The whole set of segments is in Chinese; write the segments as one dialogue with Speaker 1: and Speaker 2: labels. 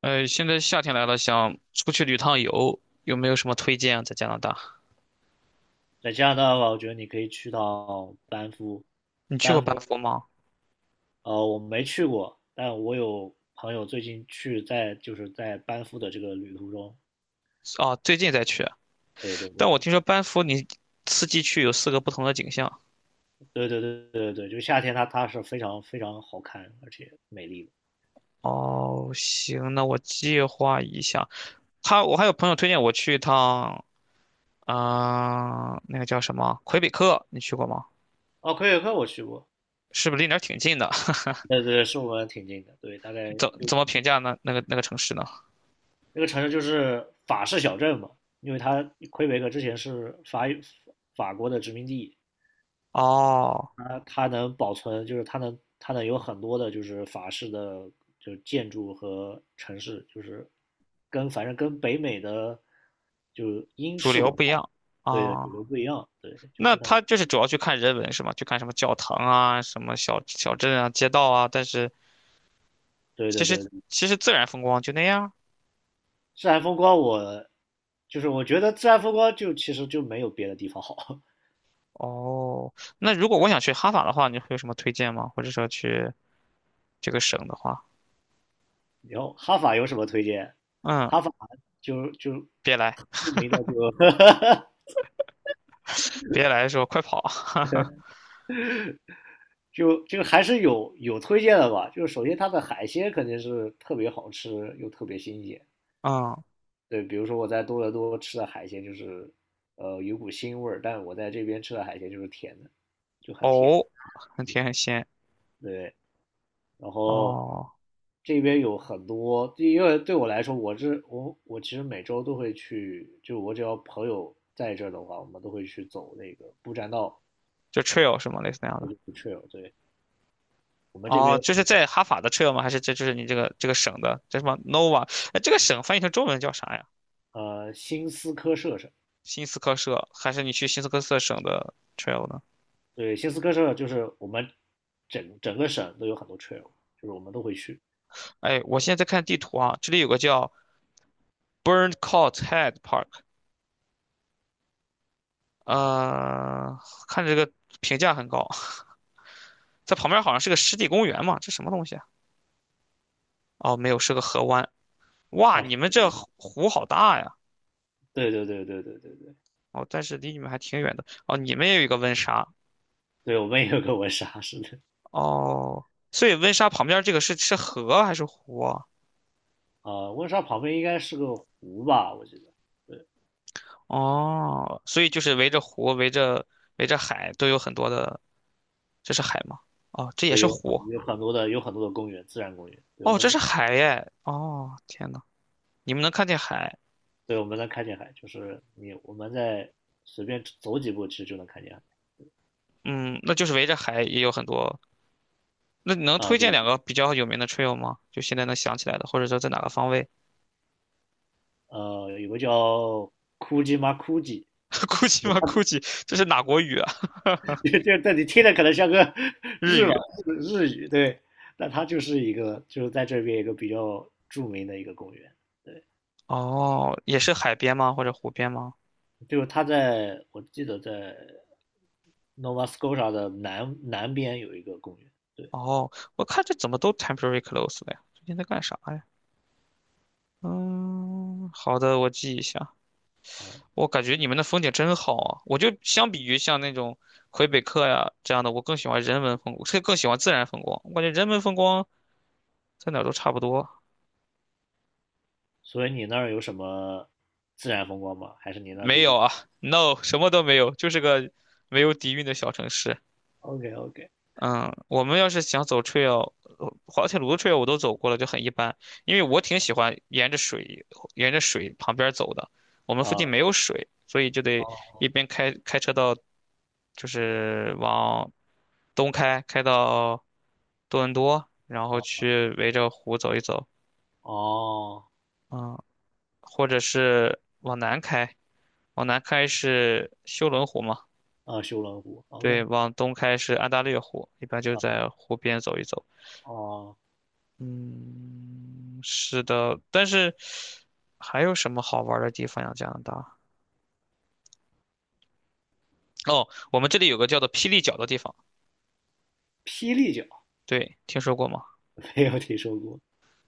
Speaker 1: 现在夏天来了，想出去旅趟游，有没有什么推荐啊？在加拿大，
Speaker 2: 在加拿大的话，我觉得你可以去到班夫。
Speaker 1: 你去过
Speaker 2: 班
Speaker 1: 班
Speaker 2: 夫，
Speaker 1: 夫吗？
Speaker 2: 我没去过，但我有朋友最近去在在班夫的这个旅途中。
Speaker 1: 啊，最近才去，
Speaker 2: 对对
Speaker 1: 但我
Speaker 2: 对
Speaker 1: 听说班夫你四季去有4个不同的景象。
Speaker 2: 对对对就夏天它是非常好看而且美丽的。
Speaker 1: 哦，行，那我计划一下。他，我还有朋友推荐我去一趟，嗯，那个叫什么魁北克，你去过吗？
Speaker 2: 哦，魁北克我去过。
Speaker 1: 是不是离那儿挺近的？
Speaker 2: 对对对，是我们挺近的，对，大概
Speaker 1: 怎
Speaker 2: 就
Speaker 1: 怎么评价那个城市呢？
Speaker 2: 那个城市就是法式小镇嘛。因为它魁北克之前是法国的殖民地。
Speaker 1: 哦，
Speaker 2: 它能保存，就是它能有很多的，就是法式的就是建筑和城市，就是跟反正跟北美的就是英
Speaker 1: 主
Speaker 2: 式文
Speaker 1: 流不一
Speaker 2: 化
Speaker 1: 样啊。
Speaker 2: 对的主
Speaker 1: 哦
Speaker 2: 流不一样。对，就
Speaker 1: 那
Speaker 2: 非常有。
Speaker 1: 他就是主要去看人文是吗？去看什么教堂啊、什么小镇啊、街道啊，但是
Speaker 2: 对
Speaker 1: 其
Speaker 2: 对
Speaker 1: 实
Speaker 2: 对。
Speaker 1: 其实自然风光就那样。
Speaker 2: 自然风光我就是我觉得自然风光就其实就没有别的地方好。
Speaker 1: 哦，那如果我想去哈法的话，你会有什么推荐吗？或者说去这个省的话，
Speaker 2: 然后哈法有什么推荐？
Speaker 1: 嗯，
Speaker 2: 哈法就
Speaker 1: 别来，
Speaker 2: 著名的就 哈哈
Speaker 1: 别来的时候快跑，
Speaker 2: 就还是有推荐的吧。就是首先它的海鲜肯定是特别好吃又特别新鲜。
Speaker 1: 嗯，
Speaker 2: 对，比如说我在多伦多吃的海鲜就是有股腥味儿，但我在这边吃的海鲜就是甜的，就很甜。
Speaker 1: 哦，很甜很鲜，
Speaker 2: 对，然后
Speaker 1: 哦，
Speaker 2: 这边有很多，因为对我来说，我这我我其实每周都会去，就我只要朋友在这儿的话，我们都会去走那个步栈道
Speaker 1: 就 trail 是吗？类似那样的。
Speaker 2: trail。对，我们这
Speaker 1: 哦，
Speaker 2: 边
Speaker 1: 就是在哈法的 trail 吗？还是这就是你这个这个省的叫什么 Nova?哎，这个省翻译成中文叫啥呀？
Speaker 2: 新斯科舍。
Speaker 1: 新斯科舍，还是你去新斯科舍省的 trail 呢？
Speaker 2: 对，新斯科舍就是我们整个省都有很多 trail，就是我们都会去。
Speaker 1: 哎，我现在在看地图啊，这里有个叫 Burncourt Head Park,
Speaker 2: 啊。
Speaker 1: 呃，看这个评价很高，在旁边好像是个湿地公园嘛，这什么东西啊？哦，没有，是个河湾。哇，
Speaker 2: 哦，
Speaker 1: 你们这湖湖好大呀！
Speaker 2: 对，
Speaker 1: 哦，但是离你们还挺远的。哦，你们也有一个温莎。
Speaker 2: 对我们也有个温莎，是的。
Speaker 1: 哦，所以温莎旁边这个是河还是湖啊？
Speaker 2: 啊，温莎旁边应该是个湖吧，我记得。对
Speaker 1: 哦，所以就是围着湖、围着海都有很多的，这是海吗？哦，这也
Speaker 2: 对，
Speaker 1: 是
Speaker 2: 有
Speaker 1: 湖。
Speaker 2: 有很多的公园，自然公园。对我
Speaker 1: 哦，
Speaker 2: 们
Speaker 1: 这
Speaker 2: 自，
Speaker 1: 是海耶！哦，天呐。你们能看见海，
Speaker 2: 对我们能看见海，就是我们在随便走几步，其实就能看见海。
Speaker 1: 嗯，那就是围着海也有很多。那你能
Speaker 2: 啊，
Speaker 1: 推荐
Speaker 2: 对，
Speaker 1: 2个比较有名的 trail 吗？就现在能想起来的，或者说在哪个方位
Speaker 2: 有个叫库吉。
Speaker 1: ？Gucci 吗？Gucci 这是哪国语啊？
Speaker 2: 就但你听着可能像个
Speaker 1: 日
Speaker 2: 日吧
Speaker 1: 语。
Speaker 2: 日语。对，那它就是一个就是在这边一个比较著名的一个公园。对，
Speaker 1: 哦，也是海边吗？或者湖边吗？
Speaker 2: 就是它在我记得在 Nova Scotia 的南边有一个公园。对
Speaker 1: 哦，我看这怎么都 temporary close 了呀？最近在干啥呀？嗯，好的，我记一下。
Speaker 2: 啊。
Speaker 1: 我感觉你们的风景真好啊！我就相比于像那种魁北克呀这样的，我更喜欢人文风光，更喜欢自然风光。我感觉人文风光在哪儿都差不多。
Speaker 2: 所以你那儿有什么自然风光吗？还是你那儿
Speaker 1: 没
Speaker 2: 就
Speaker 1: 有
Speaker 2: 是
Speaker 1: 啊，no,什么都没有，就是个没有底蕴的小城市。
Speaker 2: OK OK
Speaker 1: 嗯，我们要是想走 trail,滑铁卢的 trail 我都走过了，就很一般。因为我挺喜欢沿着水，沿着水旁边走的。我们附近
Speaker 2: 啊
Speaker 1: 没有水，所以就得
Speaker 2: 哦
Speaker 1: 一边开车到，就是往东开，开到多伦多，然后
Speaker 2: 哦
Speaker 1: 去围着湖走一走。
Speaker 2: 哦
Speaker 1: 嗯，或者是往南开，往南开是休伦湖嘛。
Speaker 2: 啊修伦湖
Speaker 1: 对，
Speaker 2: OK
Speaker 1: 往东开是安大略湖，一般就
Speaker 2: 啊
Speaker 1: 在湖边走一走。
Speaker 2: 哦
Speaker 1: 嗯，是的，但是还有什么好玩儿的地方呀？加拿大？哦，我们这里有个叫做霹雳角的地方，
Speaker 2: 霹雳角
Speaker 1: 对，听说过吗？
Speaker 2: 没有听说过。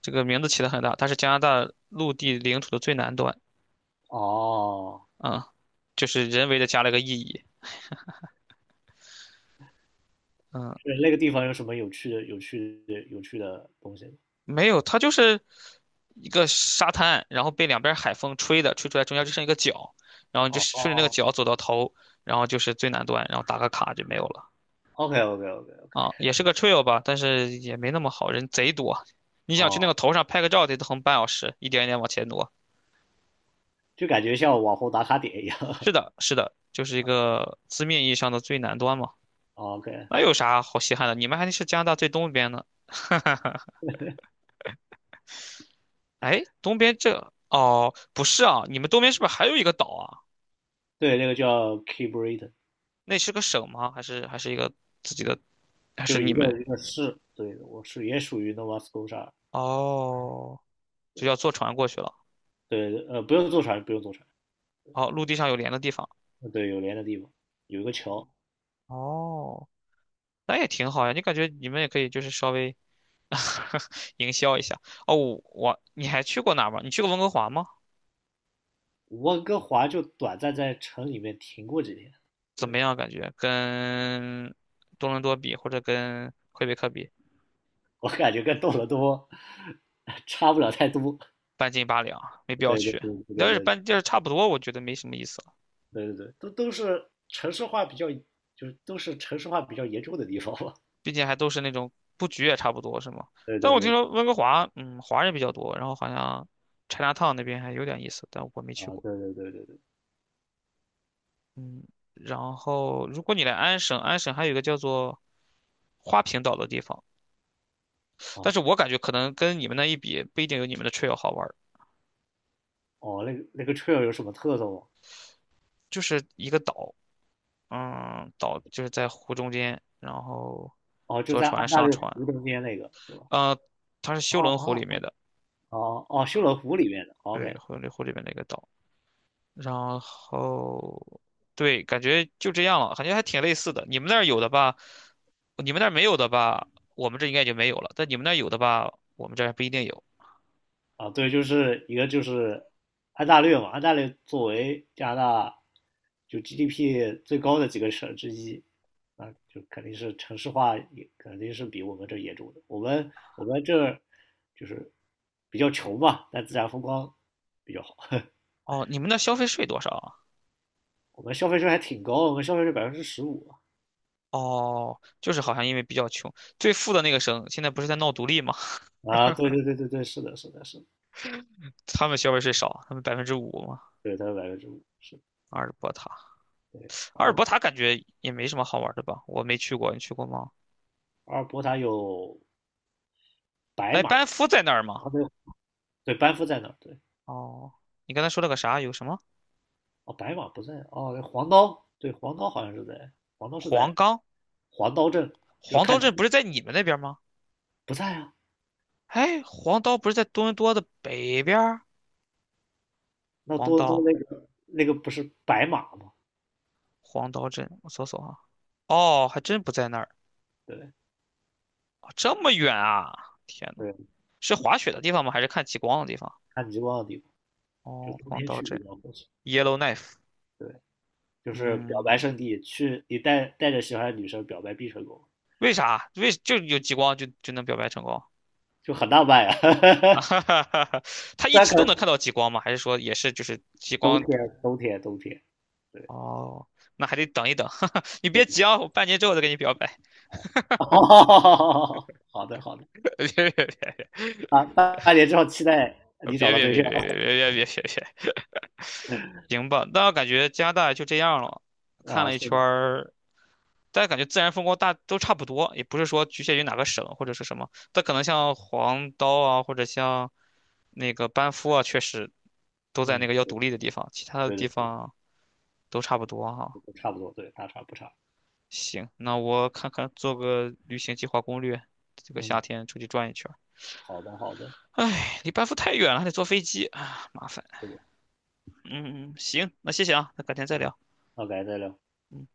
Speaker 1: 这个名字起的很大，它是加拿大陆地领土的最南端，
Speaker 2: 哦，
Speaker 1: 啊、就是人为的加了个意义，嗯，
Speaker 2: 就是那个地方有什么有趣的东西吗？
Speaker 1: 没有，它就是一个沙滩，然后被两边海风吹的，吹出来中间就剩一个角，然后你就
Speaker 2: 哦
Speaker 1: 顺着那个
Speaker 2: 哦
Speaker 1: 角走到头，然后就是最南端，然后打个卡就没有了。
Speaker 2: ，OK OK OK OK。
Speaker 1: 啊，也是个 trail 吧，但是也没那么好，人贼多。你想去那
Speaker 2: 哦，
Speaker 1: 个头上拍个照，得横半小时，一点一点往前挪。
Speaker 2: 就感觉像网红打卡点一样。
Speaker 1: 是的，是的，就是一个字面意义上的最南端嘛。
Speaker 2: 哦 OK。
Speaker 1: 那有啥好稀罕的？你们还是加拿大最东边呢。哎，东边这，哦，不是啊，你们东边是不是还有一个岛啊？
Speaker 2: 对，那个叫 k e y b r i t a i n。
Speaker 1: 那是个省吗？还是一个自己的？还
Speaker 2: 就
Speaker 1: 是
Speaker 2: 是
Speaker 1: 你们？
Speaker 2: 一个市，对，我是也属于 Nova Scotia。
Speaker 1: 哦，就
Speaker 2: 对
Speaker 1: 要坐船过去了。
Speaker 2: 对，不用坐船。
Speaker 1: 哦，陆地上有连的地方。
Speaker 2: 对，有连的地方，有一个桥。
Speaker 1: 哦，那也挺好呀。你感觉你们也可以，就是稍微。营销一下。哦，我你还去过哪儿吗？你去过温哥华吗？
Speaker 2: 温哥华就短暂在城里面停过几天。
Speaker 1: 怎么
Speaker 2: 对，
Speaker 1: 样？感觉跟多伦多比，或者跟魁北克比，
Speaker 2: 我感觉跟多伦多 差不了太多。
Speaker 1: 半斤八两，没必要
Speaker 2: 对对
Speaker 1: 去。
Speaker 2: 对对
Speaker 1: 你要
Speaker 2: 对
Speaker 1: 是
Speaker 2: 对
Speaker 1: 半就是差不多，我觉得没什么意思了。
Speaker 2: 对，都是城市化比较，就是都是城市化比较严重的地方吧。
Speaker 1: 毕竟还都是那种布局也差不多，是吗？
Speaker 2: 对
Speaker 1: 但
Speaker 2: 对
Speaker 1: 我听
Speaker 2: 对。
Speaker 1: 说温哥华，嗯，华人比较多，然后好像 Chinatown 那边还有点意思，但我没去
Speaker 2: 啊，
Speaker 1: 过。
Speaker 2: 对对对对对，
Speaker 1: 嗯，然后如果你来安省，安省还有一个叫做花瓶岛的地方，但
Speaker 2: 啊，
Speaker 1: 是我感觉可能跟你们那一比，不一定有你们的 trail 好玩儿，
Speaker 2: 哦，那个那个 trail 有什么特色吗？
Speaker 1: 就是一个岛，嗯，岛就是在湖中间，然后
Speaker 2: 哦，就
Speaker 1: 坐
Speaker 2: 在
Speaker 1: 船
Speaker 2: 安大
Speaker 1: 上
Speaker 2: 略
Speaker 1: 船，
Speaker 2: 湖中间那个是吧？
Speaker 1: 呃，它是修
Speaker 2: 哦
Speaker 1: 伦湖里
Speaker 2: 哦
Speaker 1: 面的，
Speaker 2: 哦哦，修罗湖里面的
Speaker 1: 对，
Speaker 2: ，OK，
Speaker 1: 修伦湖里面的一个岛，然后对，感觉就这样了，感觉还挺类似的。你们那儿有的吧，你们那儿没有的吧，我们这应该就没有了，但你们那儿有的吧，我们这儿还不一定有。
Speaker 2: 啊，对，就是一个就是安大略嘛，安大略作为加拿大就 GDP 最高的几个省之一，啊，就肯定是城市化也肯定是比我们这严重的。我们我们这儿就是比较穷嘛，但自然风光比较好。
Speaker 1: 哦，你们那消费税多少啊？
Speaker 2: 我们消费税还挺高，我们消费税百分之十五
Speaker 1: 哦，就是好像因为比较穷，最富的那个省现在不是在闹独立吗？
Speaker 2: 啊，啊对对对对对，是的，是的，是的。
Speaker 1: 他们消费税少，他们5%嘛。
Speaker 2: 对，它是百分之五。是
Speaker 1: 阿尔伯塔，
Speaker 2: 对。
Speaker 1: 阿尔伯塔感觉也没什么好玩的吧？我没去过，你去过吗？
Speaker 2: 阿尔伯塔有白
Speaker 1: 哎，
Speaker 2: 马。
Speaker 1: 班
Speaker 2: 啊
Speaker 1: 夫在那儿吗？
Speaker 2: 对对，班夫在那儿，对。
Speaker 1: 哦，你刚才说了个啥？有什么？
Speaker 2: 哦，白马不在。哦，黄刀。对，黄刀好像是在，黄刀是
Speaker 1: 黄
Speaker 2: 在
Speaker 1: 冈、
Speaker 2: 黄刀镇。就是
Speaker 1: 黄刀
Speaker 2: 看你
Speaker 1: 镇不是在你们那边吗？
Speaker 2: 不在啊。
Speaker 1: 哎，黄刀不是在多伦多的北边儿？
Speaker 2: 那
Speaker 1: 黄
Speaker 2: 多伦多那
Speaker 1: 刀、
Speaker 2: 个那个不是白马吗？
Speaker 1: 黄刀镇，我搜搜啊。哦，还真不在那儿，
Speaker 2: 对
Speaker 1: 哦这么远啊！天呐，
Speaker 2: 对，
Speaker 1: 是滑雪的地方吗？还是看极光的地方？
Speaker 2: 看极光的地方，就
Speaker 1: 哦，
Speaker 2: 冬
Speaker 1: 黄
Speaker 2: 天
Speaker 1: 刀
Speaker 2: 去
Speaker 1: 镇
Speaker 2: 比较合适。
Speaker 1: ，Yellowknife,
Speaker 2: 对，就是表白
Speaker 1: 嗯，
Speaker 2: 圣地，去你带着喜欢的女生表白必成功，
Speaker 1: 为啥？为就有极光就能表白成功？
Speaker 2: 就很浪漫啊。
Speaker 1: 哈哈哈哈，他一
Speaker 2: 虽然
Speaker 1: 直
Speaker 2: 可
Speaker 1: 都能
Speaker 2: 能
Speaker 1: 看到极光吗？还是说也是就是极光？
Speaker 2: 冬天。对。
Speaker 1: 哦，那还得等一等。你别急啊，我半年之后再给你表白。
Speaker 2: 哦，好的好的。
Speaker 1: 别别别
Speaker 2: 啊，半年之后期待你找
Speaker 1: 别
Speaker 2: 到
Speaker 1: 别
Speaker 2: 对
Speaker 1: 别
Speaker 2: 象。
Speaker 1: 别别别别别别，行吧？那我感觉加拿大就这样了，看
Speaker 2: 啊，
Speaker 1: 了一
Speaker 2: 是
Speaker 1: 圈
Speaker 2: 的。
Speaker 1: 儿，家感觉自然风光大都差不多，也不是说局限于哪个省或者是什么。但可能像黄刀啊，或者像那个班夫啊，确实都在那
Speaker 2: 嗯，
Speaker 1: 个要独立的地方，其他的
Speaker 2: 对
Speaker 1: 地
Speaker 2: 对对。
Speaker 1: 方都差不多哈、
Speaker 2: 差不多，对，大差不差。
Speaker 1: 行，那我看看做个旅行计划攻略，这个夏
Speaker 2: 嗯，
Speaker 1: 天出去转一圈儿。
Speaker 2: 好的，好的。
Speaker 1: 哎，离班夫太远了，还得坐飞机啊，麻烦。
Speaker 2: 是的。
Speaker 1: 嗯，嗯嗯行，那谢谢啊，那改天再
Speaker 2: 啊，
Speaker 1: 聊。
Speaker 2: 那改天再聊。
Speaker 1: 嗯。